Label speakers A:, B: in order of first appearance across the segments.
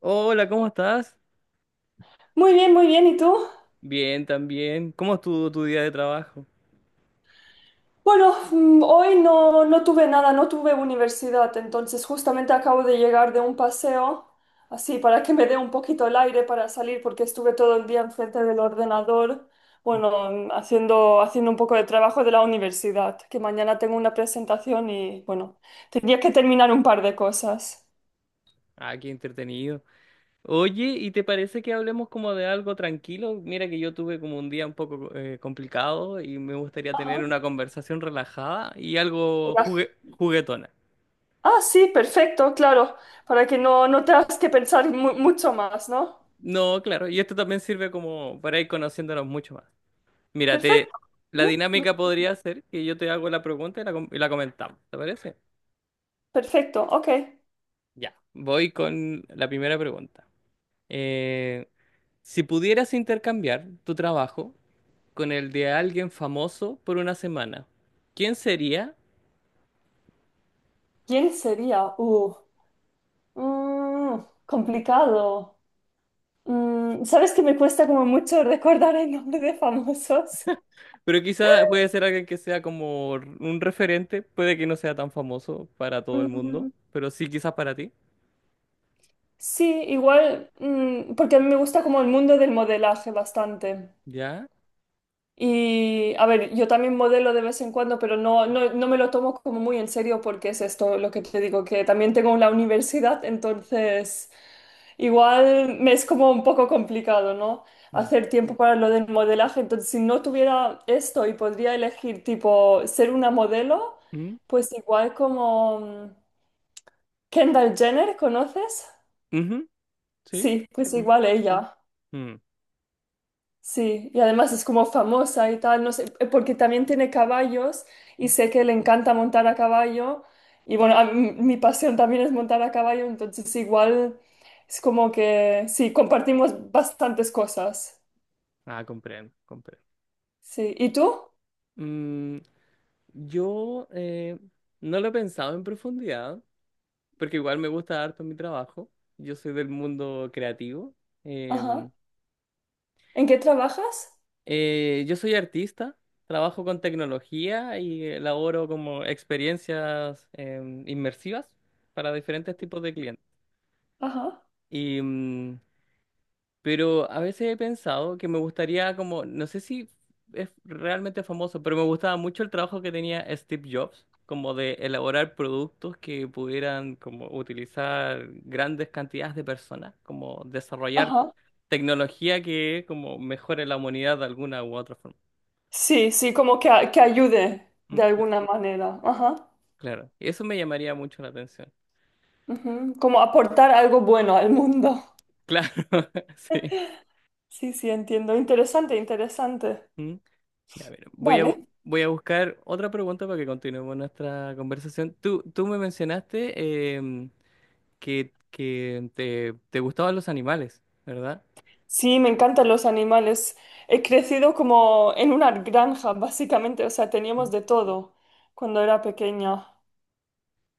A: Hola, ¿cómo estás?
B: Muy bien, muy bien. ¿Y tú?
A: Bien, también. ¿Cómo estuvo tu día de trabajo?
B: Bueno, hoy no tuve nada, no tuve universidad, entonces justamente acabo de llegar de un paseo, así para que me dé un poquito el aire para salir, porque estuve todo el día enfrente del ordenador, bueno, haciendo un poco de trabajo de la universidad, que mañana tengo una presentación y bueno, tenía que terminar un par de cosas.
A: Ah, qué entretenido. Oye, ¿y te parece que hablemos como de algo tranquilo? Mira que yo tuve como un día un poco complicado y me gustaría tener
B: Ajá.
A: una conversación relajada y algo
B: Era-
A: juguetona.
B: Ah, sí, perfecto, claro, para que no tengas que pensar mucho más, ¿no?
A: No, claro, y esto también sirve como para ir conociéndonos mucho más. Mira, te-
B: Perfecto,
A: la
B: sí,
A: dinámica podría ser que yo te hago la pregunta y y la comentamos, ¿te parece?
B: perfecto, ok.
A: Ya, voy con la primera pregunta. Eh, si pudieras intercambiar tu trabajo con el de alguien famoso por una semana, ¿quién sería?
B: ¿Quién sería? Complicado. ¿Sabes que me cuesta como mucho recordar el nombre de famosos?
A: Pero quizá puede ser alguien que sea como un referente, puede que no sea tan famoso para todo el mundo,
B: Mm,
A: pero sí quizás para ti.
B: sí, igual, porque a mí me gusta como el mundo del modelaje bastante.
A: ¿Ya?
B: Y a ver, yo también modelo de vez en cuando, pero no me lo tomo como muy en serio porque es esto lo que te digo, que también tengo la universidad, entonces igual me es como un poco complicado, ¿no?
A: Mm,
B: Hacer tiempo para lo del modelaje. Entonces, si no tuviera esto y podría elegir tipo ser una modelo,
A: mm,
B: pues igual como Kendall Jenner, ¿conoces?
A: ujú. ¿Sí?
B: Sí, pues
A: Mm,
B: igual ella.
A: mm,
B: Sí, y además es como famosa y tal, no sé, porque también tiene caballos y
A: mm.
B: sé que le encanta montar a caballo y bueno, mi pasión también es montar a caballo, entonces igual es como que sí, compartimos bastantes cosas.
A: Ah, comprendo, comprendo.
B: Sí, ¿y tú?
A: Mm, yo no lo he pensado en profundidad, porque igual me gusta harto mi trabajo. Yo soy del mundo creativo.
B: Ajá.
A: Em,
B: ¿En qué trabajas?
A: yo soy artista, trabajo con tecnología y elaboro como experiencias inmersivas para diferentes tipos de clientes.
B: Ajá.
A: Y mm, Pero a veces he pensado que me gustaría como, no sé si es realmente famoso, pero me gustaba mucho el trabajo que tenía Steve Jobs, como de elaborar productos que pudieran como utilizar grandes cantidades de personas, como desarrollar
B: Ajá.
A: tecnología que como mejore la humanidad de alguna u otra forma.
B: Sí, sí, como que, que ayude de
A: Mm,
B: alguna manera. Ajá.
A: claro, eso me llamaría mucho la atención.
B: Ujú, como aportar algo bueno al mundo.
A: Claro, sí.
B: Sí, sí, entiendo. Interesante, interesante.
A: Mm. Ya, a ver,
B: Vale.
A: voy a buscar otra pregunta para que continuemos nuestra conversación. Tú me mencionaste que te gustaban los animales, ¿verdad?
B: Sí, me encantan los animales. He crecido como en una granja, básicamente, o sea,
A: Mm.
B: teníamos de todo cuando era pequeña.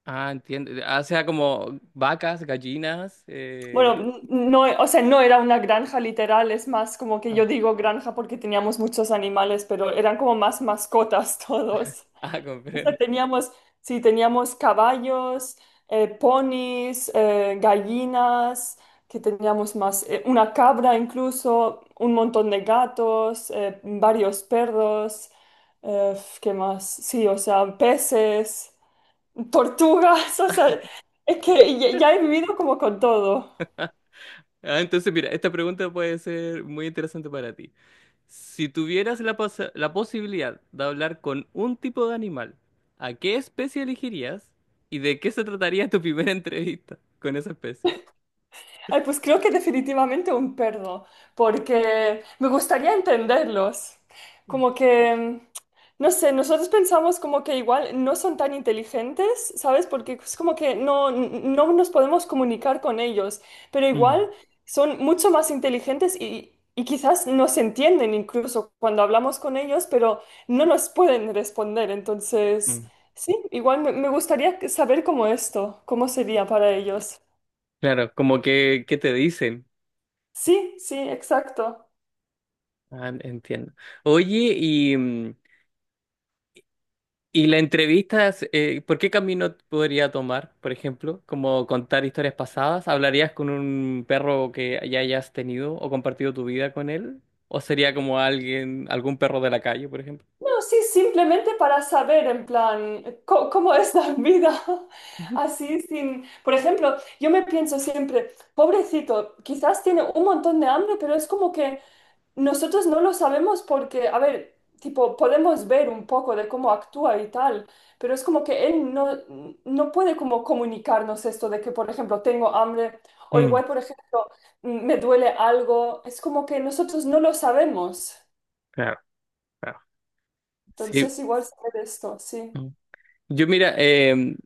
A: Ah, entiendo. Ah, o sea, como vacas, gallinas.
B: Bueno, no, o sea, no era una granja literal, es más como que
A: Ah,
B: yo digo granja porque teníamos muchos animales, pero eran como más mascotas todos.
A: ah,
B: O sea,
A: comprendo.
B: teníamos, sí, teníamos caballos, ponis, gallinas, que teníamos más, una cabra incluso, un montón de gatos, varios perros, eh, ¿qué más? Sí, o sea, peces, tortugas, o sea, es que ya, ya he vivido como con todo.
A: Ah, entonces, mira, esta pregunta puede ser muy interesante para ti. Si tuvieras la posibilidad de hablar con un tipo de animal, ¿a qué especie elegirías y de qué se trataría tu primera entrevista con esa especie?
B: Ay, pues creo que definitivamente un perro, porque me gustaría entenderlos.
A: Mm,
B: Como que, no sé, nosotros pensamos como que igual no son tan inteligentes, ¿sabes? Porque es como que no nos podemos comunicar con ellos, pero igual son mucho más inteligentes y quizás nos entienden incluso cuando hablamos con ellos, pero no nos pueden responder. Entonces,
A: mm.
B: sí, igual me gustaría saber cómo esto, cómo sería para ellos.
A: Claro, como que, ¿qué te dicen?
B: Sí, sí, exacto.
A: Ah, entiendo. Oye, y la entrevista, ¿por qué camino podría tomar, por ejemplo? Como contar historias pasadas. ¿Hablarías con un perro que ya hayas tenido o compartido tu vida con él? ¿O sería como alguien, algún perro de la calle, por ejemplo?
B: No, sí, simplemente para saber en plan cómo es la vida así sin... Por ejemplo, yo me pienso siempre, pobrecito, quizás tiene un montón de hambre, pero es como que nosotros no lo sabemos porque, a ver, tipo, podemos ver un poco de cómo actúa y tal, pero es como que él no, no puede como comunicarnos esto de que, por ejemplo, tengo hambre o
A: Mm,
B: igual, por ejemplo, me duele algo. Es como que nosotros no lo sabemos.
A: claro, claro. Sí.
B: Entonces igual saber esto, sí.
A: Yo mira, em,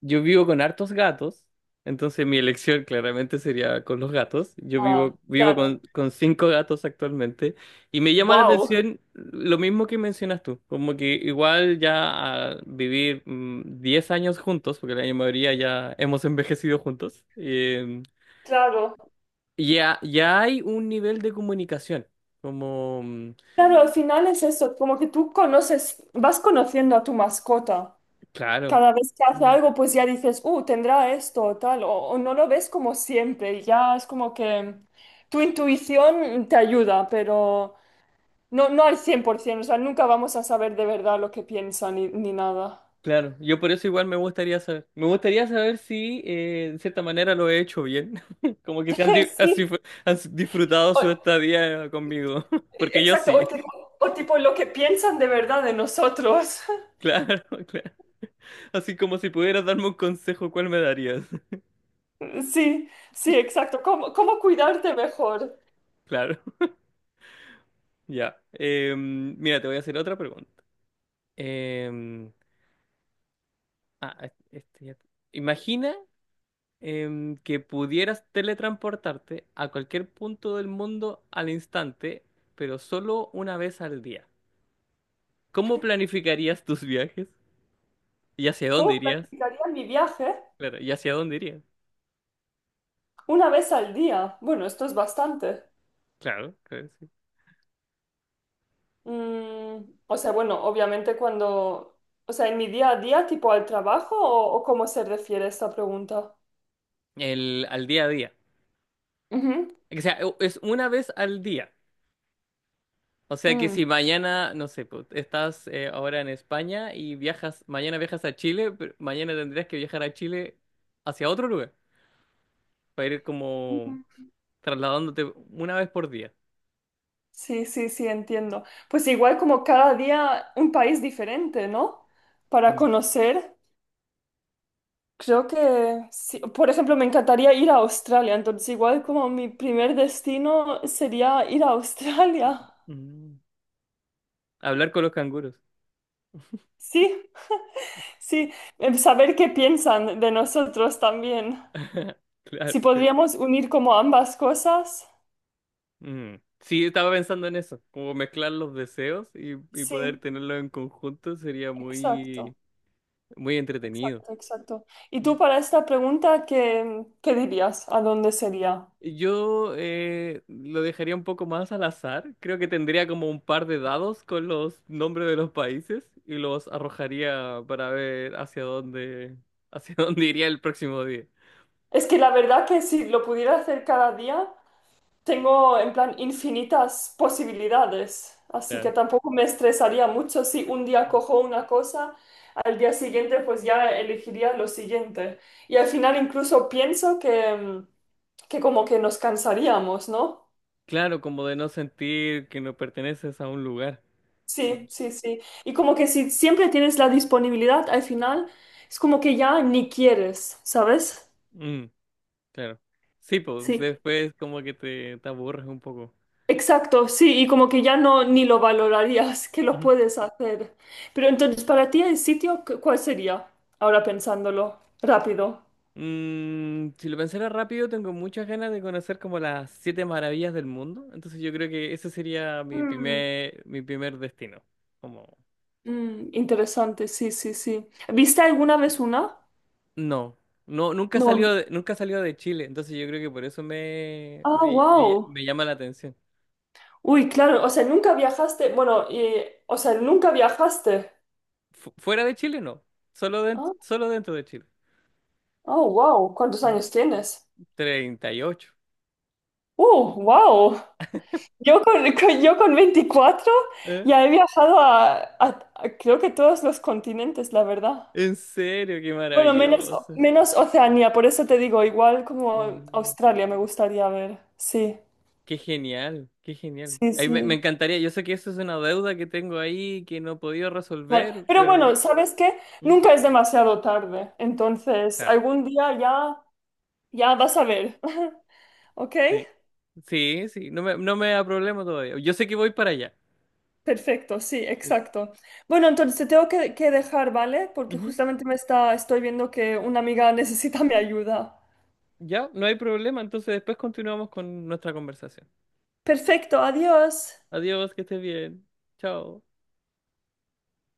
A: yo vivo con hartos gatos, entonces mi elección claramente sería con los gatos.
B: Ah,
A: Vivo
B: claro.
A: con cinco gatos actualmente y me llama la
B: Wow,
A: atención lo mismo que mencionas tú, como que igual ya al vivir 10 años juntos, porque la mayoría ya hemos envejecido juntos.
B: claro.
A: Ya hay un nivel de comunicación, como,
B: Claro, al final es eso, como que tú conoces, vas conociendo a tu mascota.
A: claro.
B: Cada vez que hace algo, pues ya dices, tendrá esto o tal, o no lo ves como siempre. Y ya es como que tu intuición te ayuda, pero no al 100%, o sea, nunca vamos a saber de verdad lo que piensan ni, ni nada.
A: Claro, yo por eso igual me gustaría saber. Me gustaría saber si de cierta manera lo he hecho bien. Como que se han, di- así
B: Sí,
A: fue- han s- disfrutado su
B: o-
A: estadía conmigo. Porque yo
B: exacto,
A: sí.
B: o tipo lo que piensan de verdad de nosotros.
A: Claro, claro. Así como si pudieras darme un consejo, ¿cuál me darías?
B: Sí, sí, exacto. ¿Cómo, cómo cuidarte mejor?
A: Claro, ya. Mira, te voy a hacer otra pregunta. Em, ah, es- este ya- Imagina que pudieras teletransportarte a cualquier punto del mundo al instante, pero solo una vez al día. ¿Cómo planificarías tus viajes? ¿Y hacia dónde
B: ¿Cómo
A: irías?
B: planificaría mi viaje?
A: Claro, ¿y hacia dónde irías?
B: Una vez al día. Bueno, esto es bastante.
A: Claro, claro, sí.
B: O sea, bueno, obviamente cuando... O sea, en mi día a día, tipo al trabajo, o cómo se refiere esta pregunta.
A: El, al día a día.
B: Ujú,
A: Es una vez al día. O sea que
B: mm,
A: si mañana, no sé, pues, estás ahora en España y viajas, mañana viajas a Chile, pero mañana tendrías que viajar a Chile hacia otro lugar, para ir
B: ujú.
A: como trasladándote una vez por día.
B: Sí, sí, sí, entiendo. Pues igual como cada día un país diferente, ¿no? Para
A: Mm.
B: conocer. Creo que, sí. Por ejemplo, me encantaría ir a Australia, entonces igual como mi primer destino sería ir a Australia.
A: Mm. Hablar con los canguros.
B: Sí, sí, em, saber qué piensan de nosotros también.
A: Claro,
B: Si
A: claro.
B: podríamos unir como ambas cosas.
A: Mm. Sí, estaba pensando en eso, como mezclar los deseos y poder
B: Sí,
A: tenerlos en conjunto sería
B: exacto,
A: muy, muy entretenido.
B: exacto, exacto. ¿Y tú para esta pregunta qué, qué dirías? ¿A dónde sería?
A: Yo lo dejaría un poco más al azar, creo que tendría como un par de dados con los nombres de los países y los arrojaría para ver hacia dónde iría el próximo día.
B: Es que la verdad que si lo pudiera hacer cada día, tengo en plan infinitas posibilidades, así que
A: Claro.
B: tampoco me estresaría mucho si un día cojo una cosa, al día siguiente pues ya elegiría lo siguiente. Y al final incluso pienso que, que como que nos cansaríamos, ¿no?
A: Claro, como de no sentir que no perteneces a un lugar.
B: Sí, sí, sí. Y como que si siempre tienes la disponibilidad, al final es como que ya ni quieres, ¿sabes?
A: Mm, claro. Sí, pues
B: Sí.
A: después como que te aburres un poco.
B: Exacto, sí, y como que ya no ni lo valorarías que lo
A: Ujú.
B: puedes hacer. Pero entonces, para ti el sitio, ¿cuál sería? Ahora pensándolo, rápido.
A: Mm, si lo pensara rápido, tengo muchas ganas de conocer como las siete maravillas del mundo. Entonces yo creo que ese sería
B: Mm,
A: mi primer destino. Como,
B: mm, interesante, sí, sí, sí. ¿Viste alguna vez una?
A: no, no,
B: No.
A: nunca salió de Chile. Entonces yo creo que por eso
B: Ah, wow.
A: me llama la atención.
B: Uy, claro, o sea, nunca viajaste, bueno, o sea, nunca viajaste.
A: Fuera de Chile, no.
B: Ah,
A: Solo dentro de Chile.
B: oh, wow, ¿cuántos
A: Mm.
B: años tienes?
A: 38.
B: Wow. Yo con 24
A: ¿Eh?
B: ya he viajado a, a creo que todos los continentes, la verdad.
A: En serio, qué
B: Bueno, menos,
A: maravilloso.
B: menos Oceanía, por eso te digo, igual como
A: Mm.
B: Australia me gustaría ver. Sí,
A: Qué genial, qué genial.
B: sí,
A: Ay, me
B: sí.
A: encantaría, yo sé que eso es una deuda que tengo ahí que no he podido
B: Vale.
A: resolver,
B: Pero
A: pero...
B: bueno, ¿sabes qué?
A: ¿Mm?
B: Nunca es demasiado tarde, entonces
A: Claro.
B: algún día ya, ya vas a ver. ¿Ok?
A: Sí, sí, sí, no me da problema todavía. Yo sé que voy para allá.
B: Perfecto, sí,
A: Sí.
B: exacto. Bueno, entonces te tengo que dejar, ¿vale? Porque
A: Ujú.
B: justamente me está, estoy viendo que una amiga necesita mi ayuda.
A: Ya, no hay problema, entonces después continuamos con nuestra conversación.
B: Perfecto, adiós.
A: Adiós, que estés bien. Chao.